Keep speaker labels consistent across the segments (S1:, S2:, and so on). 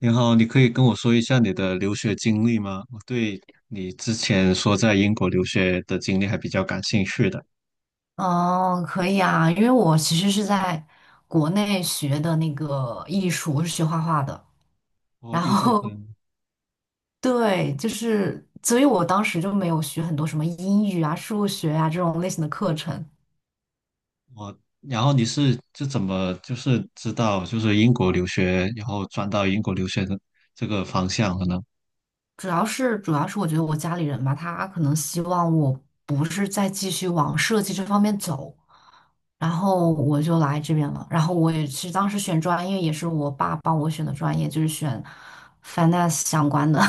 S1: 你好，你可以跟我说一下你的留学经历吗？我对你之前说在英国留学的经历还比较感兴趣的。
S2: 哦，可以啊，因为我其实是在国内学的那个艺术，我是学画画的。
S1: 我
S2: 然
S1: 艺术
S2: 后，
S1: 生。
S2: 对，就是，所以我当时就没有学很多什么英语啊、数学啊这种类型的课程。
S1: 然后你是就怎么就是知道就是英国留学，然后转到英国留学的这个方向的呢？
S2: 主要是我觉得我家里人吧，他可能希望我不是再继续往设计这方面走，然后我就来这边了。然后我也是当时选专业，也是我爸帮我选的专业，就是选 finance 相关的。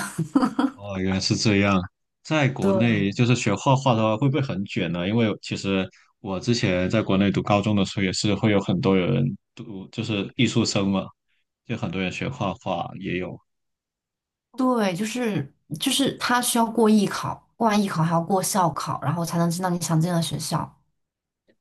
S1: 哦，原来是这样。在 国内
S2: 对。
S1: 就是学画画的话，会不会很卷呢？因为其实我之前在国内读高中的时候，也是会有很多人就是艺术生嘛，就很多人学画画也有。
S2: 对，就是他需要过艺考，过完艺考还要过校考，然后才能进到你想进的学校。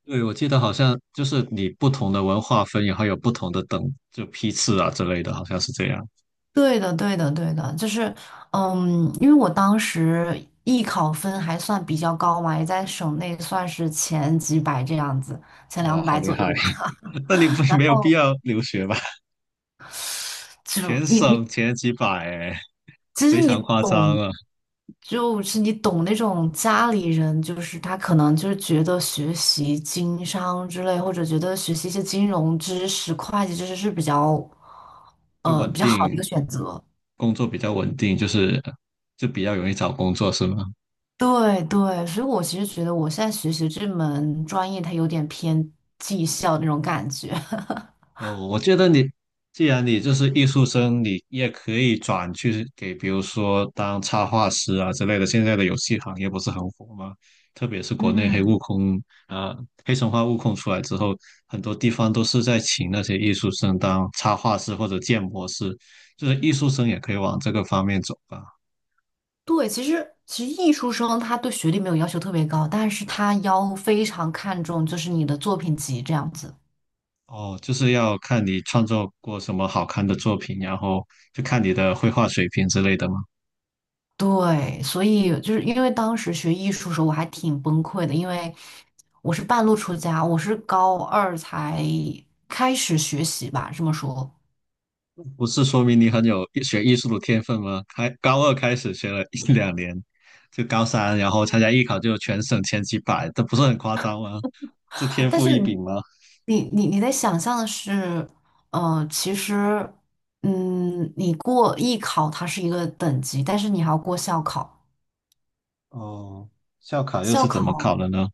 S1: 对，我记得好像就是你不同的文化分，然后有不同的批次啊之类的，好像是这样。
S2: 对的，对的，对的，就是因为我当时艺考分还算比较高嘛，也在省内算是前几百这样子，前
S1: 哇，
S2: 两
S1: 好
S2: 百
S1: 厉
S2: 左右
S1: 害！
S2: 吧。
S1: 那你不
S2: 然
S1: 没有必
S2: 后
S1: 要留学吧？
S2: 就
S1: 全
S2: 你
S1: 省前几百，哎，
S2: 其实
S1: 非
S2: 你
S1: 常夸张
S2: 懂，
S1: 啊！
S2: 就是你懂那种家里人，就是他可能就是觉得学习经商之类，或者觉得学习一些金融知识、会计知识是比较，
S1: 就稳
S2: 比较好的一个
S1: 定，
S2: 选择。
S1: 工作比较稳定，就是就比较容易找工作，是吗？
S2: 对对，所以我其实觉得我现在学习这门专业，它有点偏技校那种感觉。
S1: 哦，我觉得你既然你就是艺术生，你也可以转去给，比如说当插画师啊之类的。现在的游戏行业不是很火吗？特别是国内
S2: 嗯，
S1: 呃，黑神话悟空出来之后，很多地方都是在请那些艺术生当插画师或者建模师，就是艺术生也可以往这个方面走吧。
S2: 对，其实艺术生他对学历没有要求特别高，但是他要非常看重就是你的作品集这样子。
S1: 哦，就是要看你创作过什么好看的作品，然后就看你的绘画水平之类的嘛。
S2: 对，所以就是因为当时学艺术的时候，我还挺崩溃的，因为我是半路出家，我是高二才开始学习吧，这么说。
S1: 不是说明你很有艺术的天分吗？高二开始学了一两年，就高三，然后参加艺考就全省前几百，这不是很夸张吗？这天
S2: 但
S1: 赋
S2: 是
S1: 异
S2: 你
S1: 禀吗？
S2: 你你你在想象的是，其实，你过艺考它是一个等级，但是你还要过校考，
S1: 哦，校考又是
S2: 校
S1: 怎么考
S2: 考
S1: 的呢？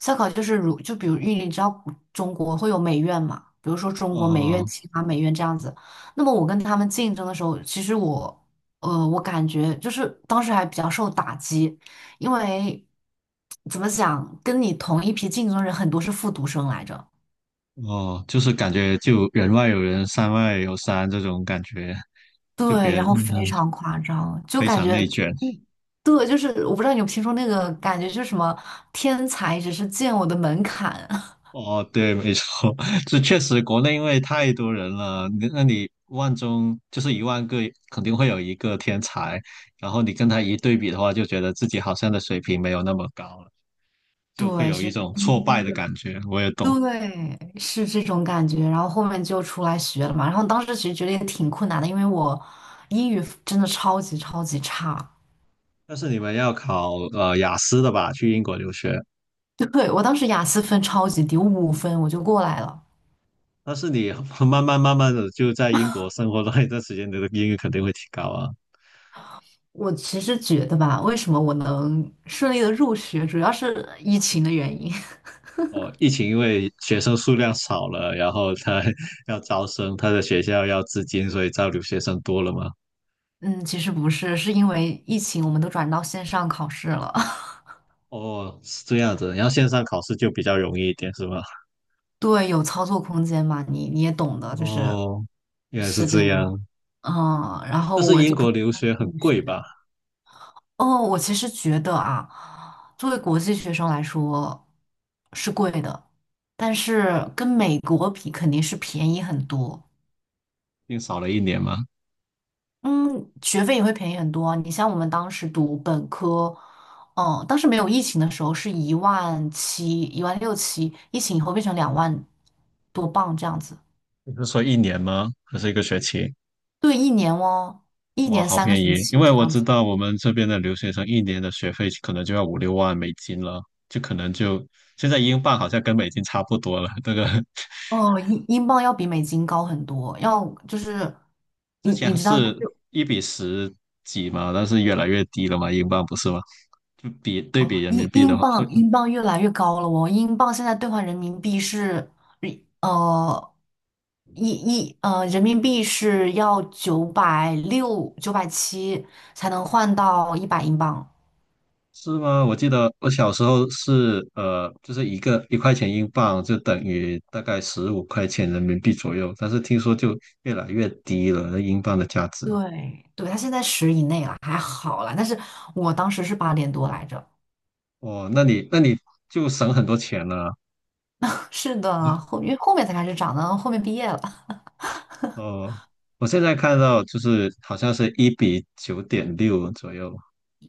S2: 烧烤就是比如因为你知道中国会有美院嘛，比如说中国美院、
S1: 哦
S2: 清华美院这样子。那么我跟他们竞争的时候，其实我我感觉就是当时还比较受打击，因为怎么讲，跟你同一批竞争人很多是复读生来着，
S1: 哦，就是感觉就人外有人，山外有山这种感觉，就别
S2: 对，
S1: 人
S2: 然后非常夸张，就
S1: 非
S2: 感
S1: 常
S2: 觉。
S1: 内卷。
S2: 嗯，对，就是我不知道你有没有听说那个感觉，就是什么天才只是见我的门槛。
S1: 哦，对，没错，这确实国内因为太多人了，你万中就是10000个，肯定会有一个天才，然后你跟他一对比的话，就觉得自己好像的水平没有那么高了，就会
S2: 对，
S1: 有一种挫败的感觉。我也懂，
S2: 对，是这种感觉。然后后面就出来学了嘛。然后当时其实觉得也挺困难的，因为我英语真的超级超级差。
S1: 但是你们要考雅思的吧，去英国留学，
S2: 对，我当时雅思分超级低，我5分我就过来了。
S1: 但是你 慢慢慢慢的就在英国生活了一段 时间，你的英语肯定会提高啊。
S2: 我其实觉得吧，为什么我能顺利的入学，主要是疫情的原因。
S1: 哦，疫情因为学生数量少了，然后他 要招生，他的学校要资金，所以招留学生多了嘛。
S2: 嗯，其实不是，是因为疫情我们都转到线上考试了。
S1: 哦，是这样子，然后线上考试就比较容易一点，是吗？
S2: 对，有操作空间嘛，你也懂的，就是
S1: 哦，原来是
S2: 是这
S1: 这
S2: 样。
S1: 样。
S2: 嗯，然后
S1: 但是
S2: 我
S1: 英
S2: 就可
S1: 国留
S2: 能。
S1: 学很贵吧？
S2: 哦，我其实觉得啊，作为国际学生来说是贵的，但是跟美国比肯定是便宜很多。
S1: 因为少了一年吗？
S2: 嗯，学费也会便宜很多啊你像我们当时读本科，嗯，当时没有疫情的时候是1万7、1万6、7，疫情以后变成2万多镑这样子。
S1: 你是说一年吗？还是一个学期？
S2: 对，一年哦，一
S1: 哇，
S2: 年
S1: 好
S2: 三个
S1: 便
S2: 学
S1: 宜！因
S2: 期
S1: 为
S2: 这
S1: 我
S2: 样
S1: 知
S2: 子。
S1: 道我们这边的留学生一年的学费可能就要5、6万美金了，就可能就现在英镑好像跟美金差不多了，这个
S2: 哦，英镑要比美金高很多，要就是
S1: 之
S2: 你
S1: 前
S2: 知道，就是
S1: 是一比十几嘛，但是越来越低了嘛，英镑不是吗？就比对比
S2: 哦，
S1: 人民
S2: 英
S1: 币
S2: 英
S1: 的话，
S2: 镑英镑越来越高了哦，英镑现在兑换人民币是，呃，一一呃，人民币是要960、970才能换到100英镑。
S1: 是吗？我记得我小时候是就是1块钱英镑就等于大概15块钱人民币左右，但是听说就越来越低了，那英镑的价值。
S2: 对，对，它现在10以内了，还好啦。但是我当时是8点多来着。
S1: 哦，那你就省很多钱了。
S2: 是的，因为后面才开始涨的，后面毕业了。
S1: 哦，我现在看到就是好像是1:9.6左右。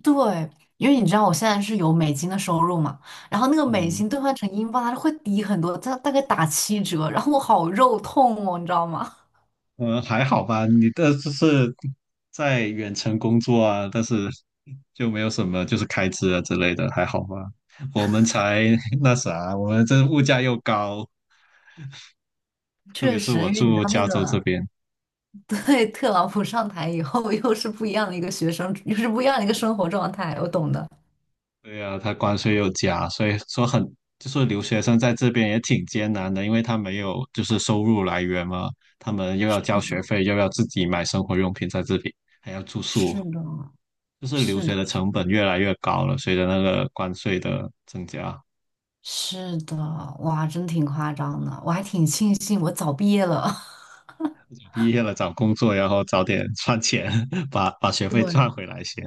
S2: 对，因为你知道我现在是有美金的收入嘛，然后那个美
S1: 嗯，
S2: 金兑换成英镑，它会低很多，它大概打7折，然后我好肉痛哦，你知道吗？
S1: 嗯，还好吧，你的就是在远程工作啊，但是就没有什么就是开支啊之类的，还好吧。我们才 那啥，我们这物价又高，特
S2: 确
S1: 别是
S2: 实，
S1: 我
S2: 因为你知
S1: 住
S2: 道那
S1: 加州这
S2: 个，
S1: 边，
S2: 对，特朗普上台以后，又是不一样的一个学生，又是不一样的一个生活状态，我懂的。
S1: 对呀，他关税又加，所以说就是留学生在这边也挺艰难的，因为他没有就是收入来源嘛，他们又要交学费，又要自己买生活用品在这里，还要住
S2: 是
S1: 宿，
S2: 的，
S1: 就是留
S2: 是
S1: 学
S2: 的，
S1: 的成本越来越高了，随着那个关税的增加。
S2: 是的，哇，真挺夸张的，我还挺庆幸我早毕业了。
S1: 毕业了找工作，然后早点赚钱，把学费赚
S2: 对，
S1: 回来先。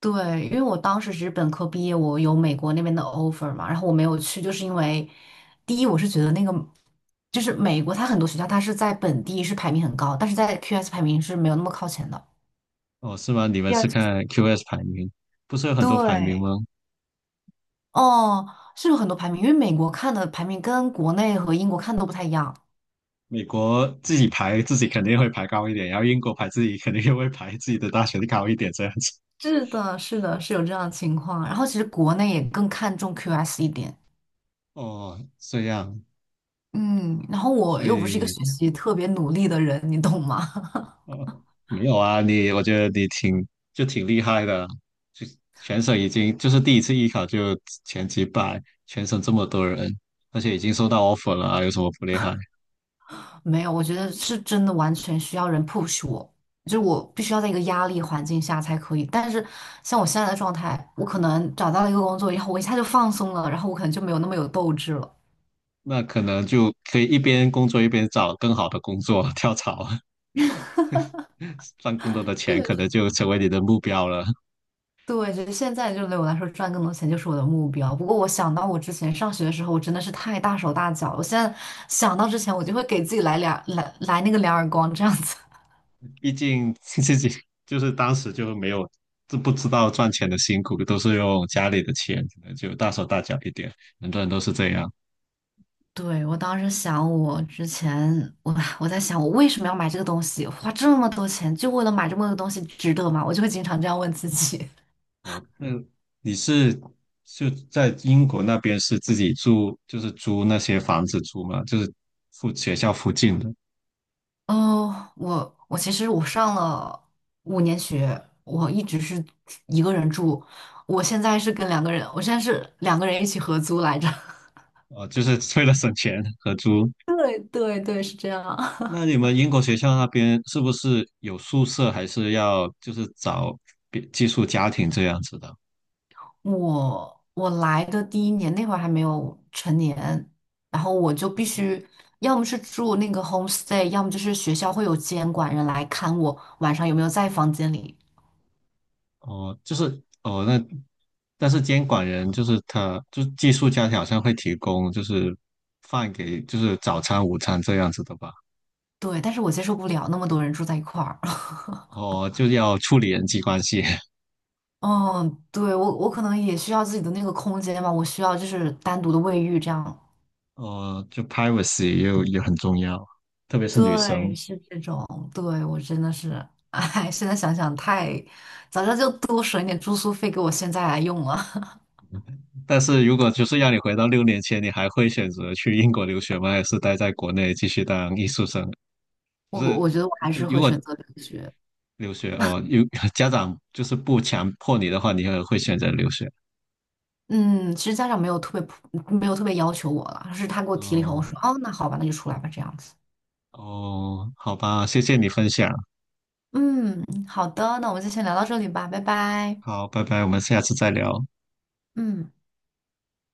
S2: 对，因为我当时只是本科毕业，我有美国那边的 offer 嘛，然后我没有去，就是因为第一，我是觉得那个就是美国，它很多学校它是在本地是排名很高，但是在 QS 排名是没有那么靠前的。
S1: 哦，是吗？你们
S2: 第二
S1: 是
S2: 就是
S1: 看 QS 排名，不是有很多排名
S2: 对，
S1: 吗？
S2: 哦，是有很多排名，因为美国看的排名跟国内和英国看的都不太一样。
S1: 美国自己排自己肯定会排高一点，然后英国排自己肯定会排自己的大学的高一点，这样子。
S2: 是的，是的，是有这样的情况。然后其实国内也更看重 QS 一点，
S1: 哦，这样，
S2: 嗯，然后我
S1: 所
S2: 又不是一个
S1: 以
S2: 学习特别努力的人，你懂吗？
S1: 呃，没有啊，我觉得你挺厉害的，就全省已经就是第一次艺考就前几百，全省这么多人，而且已经收到 offer 了啊，有什么不厉害？
S2: 没有，我觉得是真的完全需要人 push 我，就是我必须要在一个压力环境下才可以。但是像我现在的状态，我可能找到了一个工作以后，我一下就放松了，然后我可能就没有那么有斗志了。
S1: 那可能就可以一边工作一边找更好的工作，跳槽，赚更多的
S2: 这
S1: 钱，
S2: 个
S1: 可
S2: 是
S1: 能就成为你的目标了。
S2: 对，就是现在就对我来说赚更多钱就是我的目标。不过我想到我之前上学的时候，我真的是太大手大脚了。我现在想到之前，我就会给自己来那个两耳光这样子。
S1: 毕竟 自己就是当时就没有，就不知道赚钱的辛苦，都是用家里的钱，可能就大手大脚一点。很多人都是这样。
S2: 对，我当时想，我之前我在想，我为什么要买这个东西？花这么多钱，就为了买这么个东西，值得吗？我就会经常这样问自己。
S1: 那你是就在英国那边是自己住，就是租那些房子住吗？就是附学校附近的，
S2: 哦，我其实我上了5年学，我一直是一个人住，我现在是跟两个人，我现在是两个人一起合租来着。
S1: 哦，就是为了省钱合租。
S2: 对对，是这样。
S1: 那你们英国学校那边是不是有宿舍，还是要就是找别寄宿家庭这样子的？
S2: 我来的第一年那会儿还没有成年，然后我就必须要么是住那个 homestay，要么就是学校会有监管人来看我晚上有没有在房间里。
S1: 哦，就是哦，那但是监管人就是他，就是寄宿家庭好像会提供就是饭给就是早餐、午餐这样子的吧？
S2: 对，但是我接受不了那么多人住在一块儿。
S1: 哦，就要处理人际关系，
S2: 嗯，对，我可能也需要自己的那个空间吧，我需要就是单独的卫浴这样。
S1: 哦，就 privacy 又也很重要，特别是女
S2: 对，
S1: 生。
S2: 是这种。对，我真的是，哎，现在想想太，早知道就多省一点住宿费给我现在来用了。
S1: 但是如果就是让你回到6年前，你还会选择去英国留学吗？还是待在国内继续当艺术生？就
S2: 我
S1: 是
S2: 我觉得我还
S1: 就
S2: 是
S1: 如
S2: 会
S1: 果
S2: 选择留学。
S1: 留学哦，有 家长就是不强迫你的话，你也会选择留学。
S2: 嗯，其实家长没有特别没有特别要求我了，是他给我提了以后，我
S1: 哦
S2: 说哦，那好吧，那就出来吧，这样子。
S1: 哦，好吧，谢谢你分享。
S2: 嗯，好的，那我们就先聊到这里吧，拜拜。
S1: 好，拜拜，我们下次再聊。
S2: 嗯。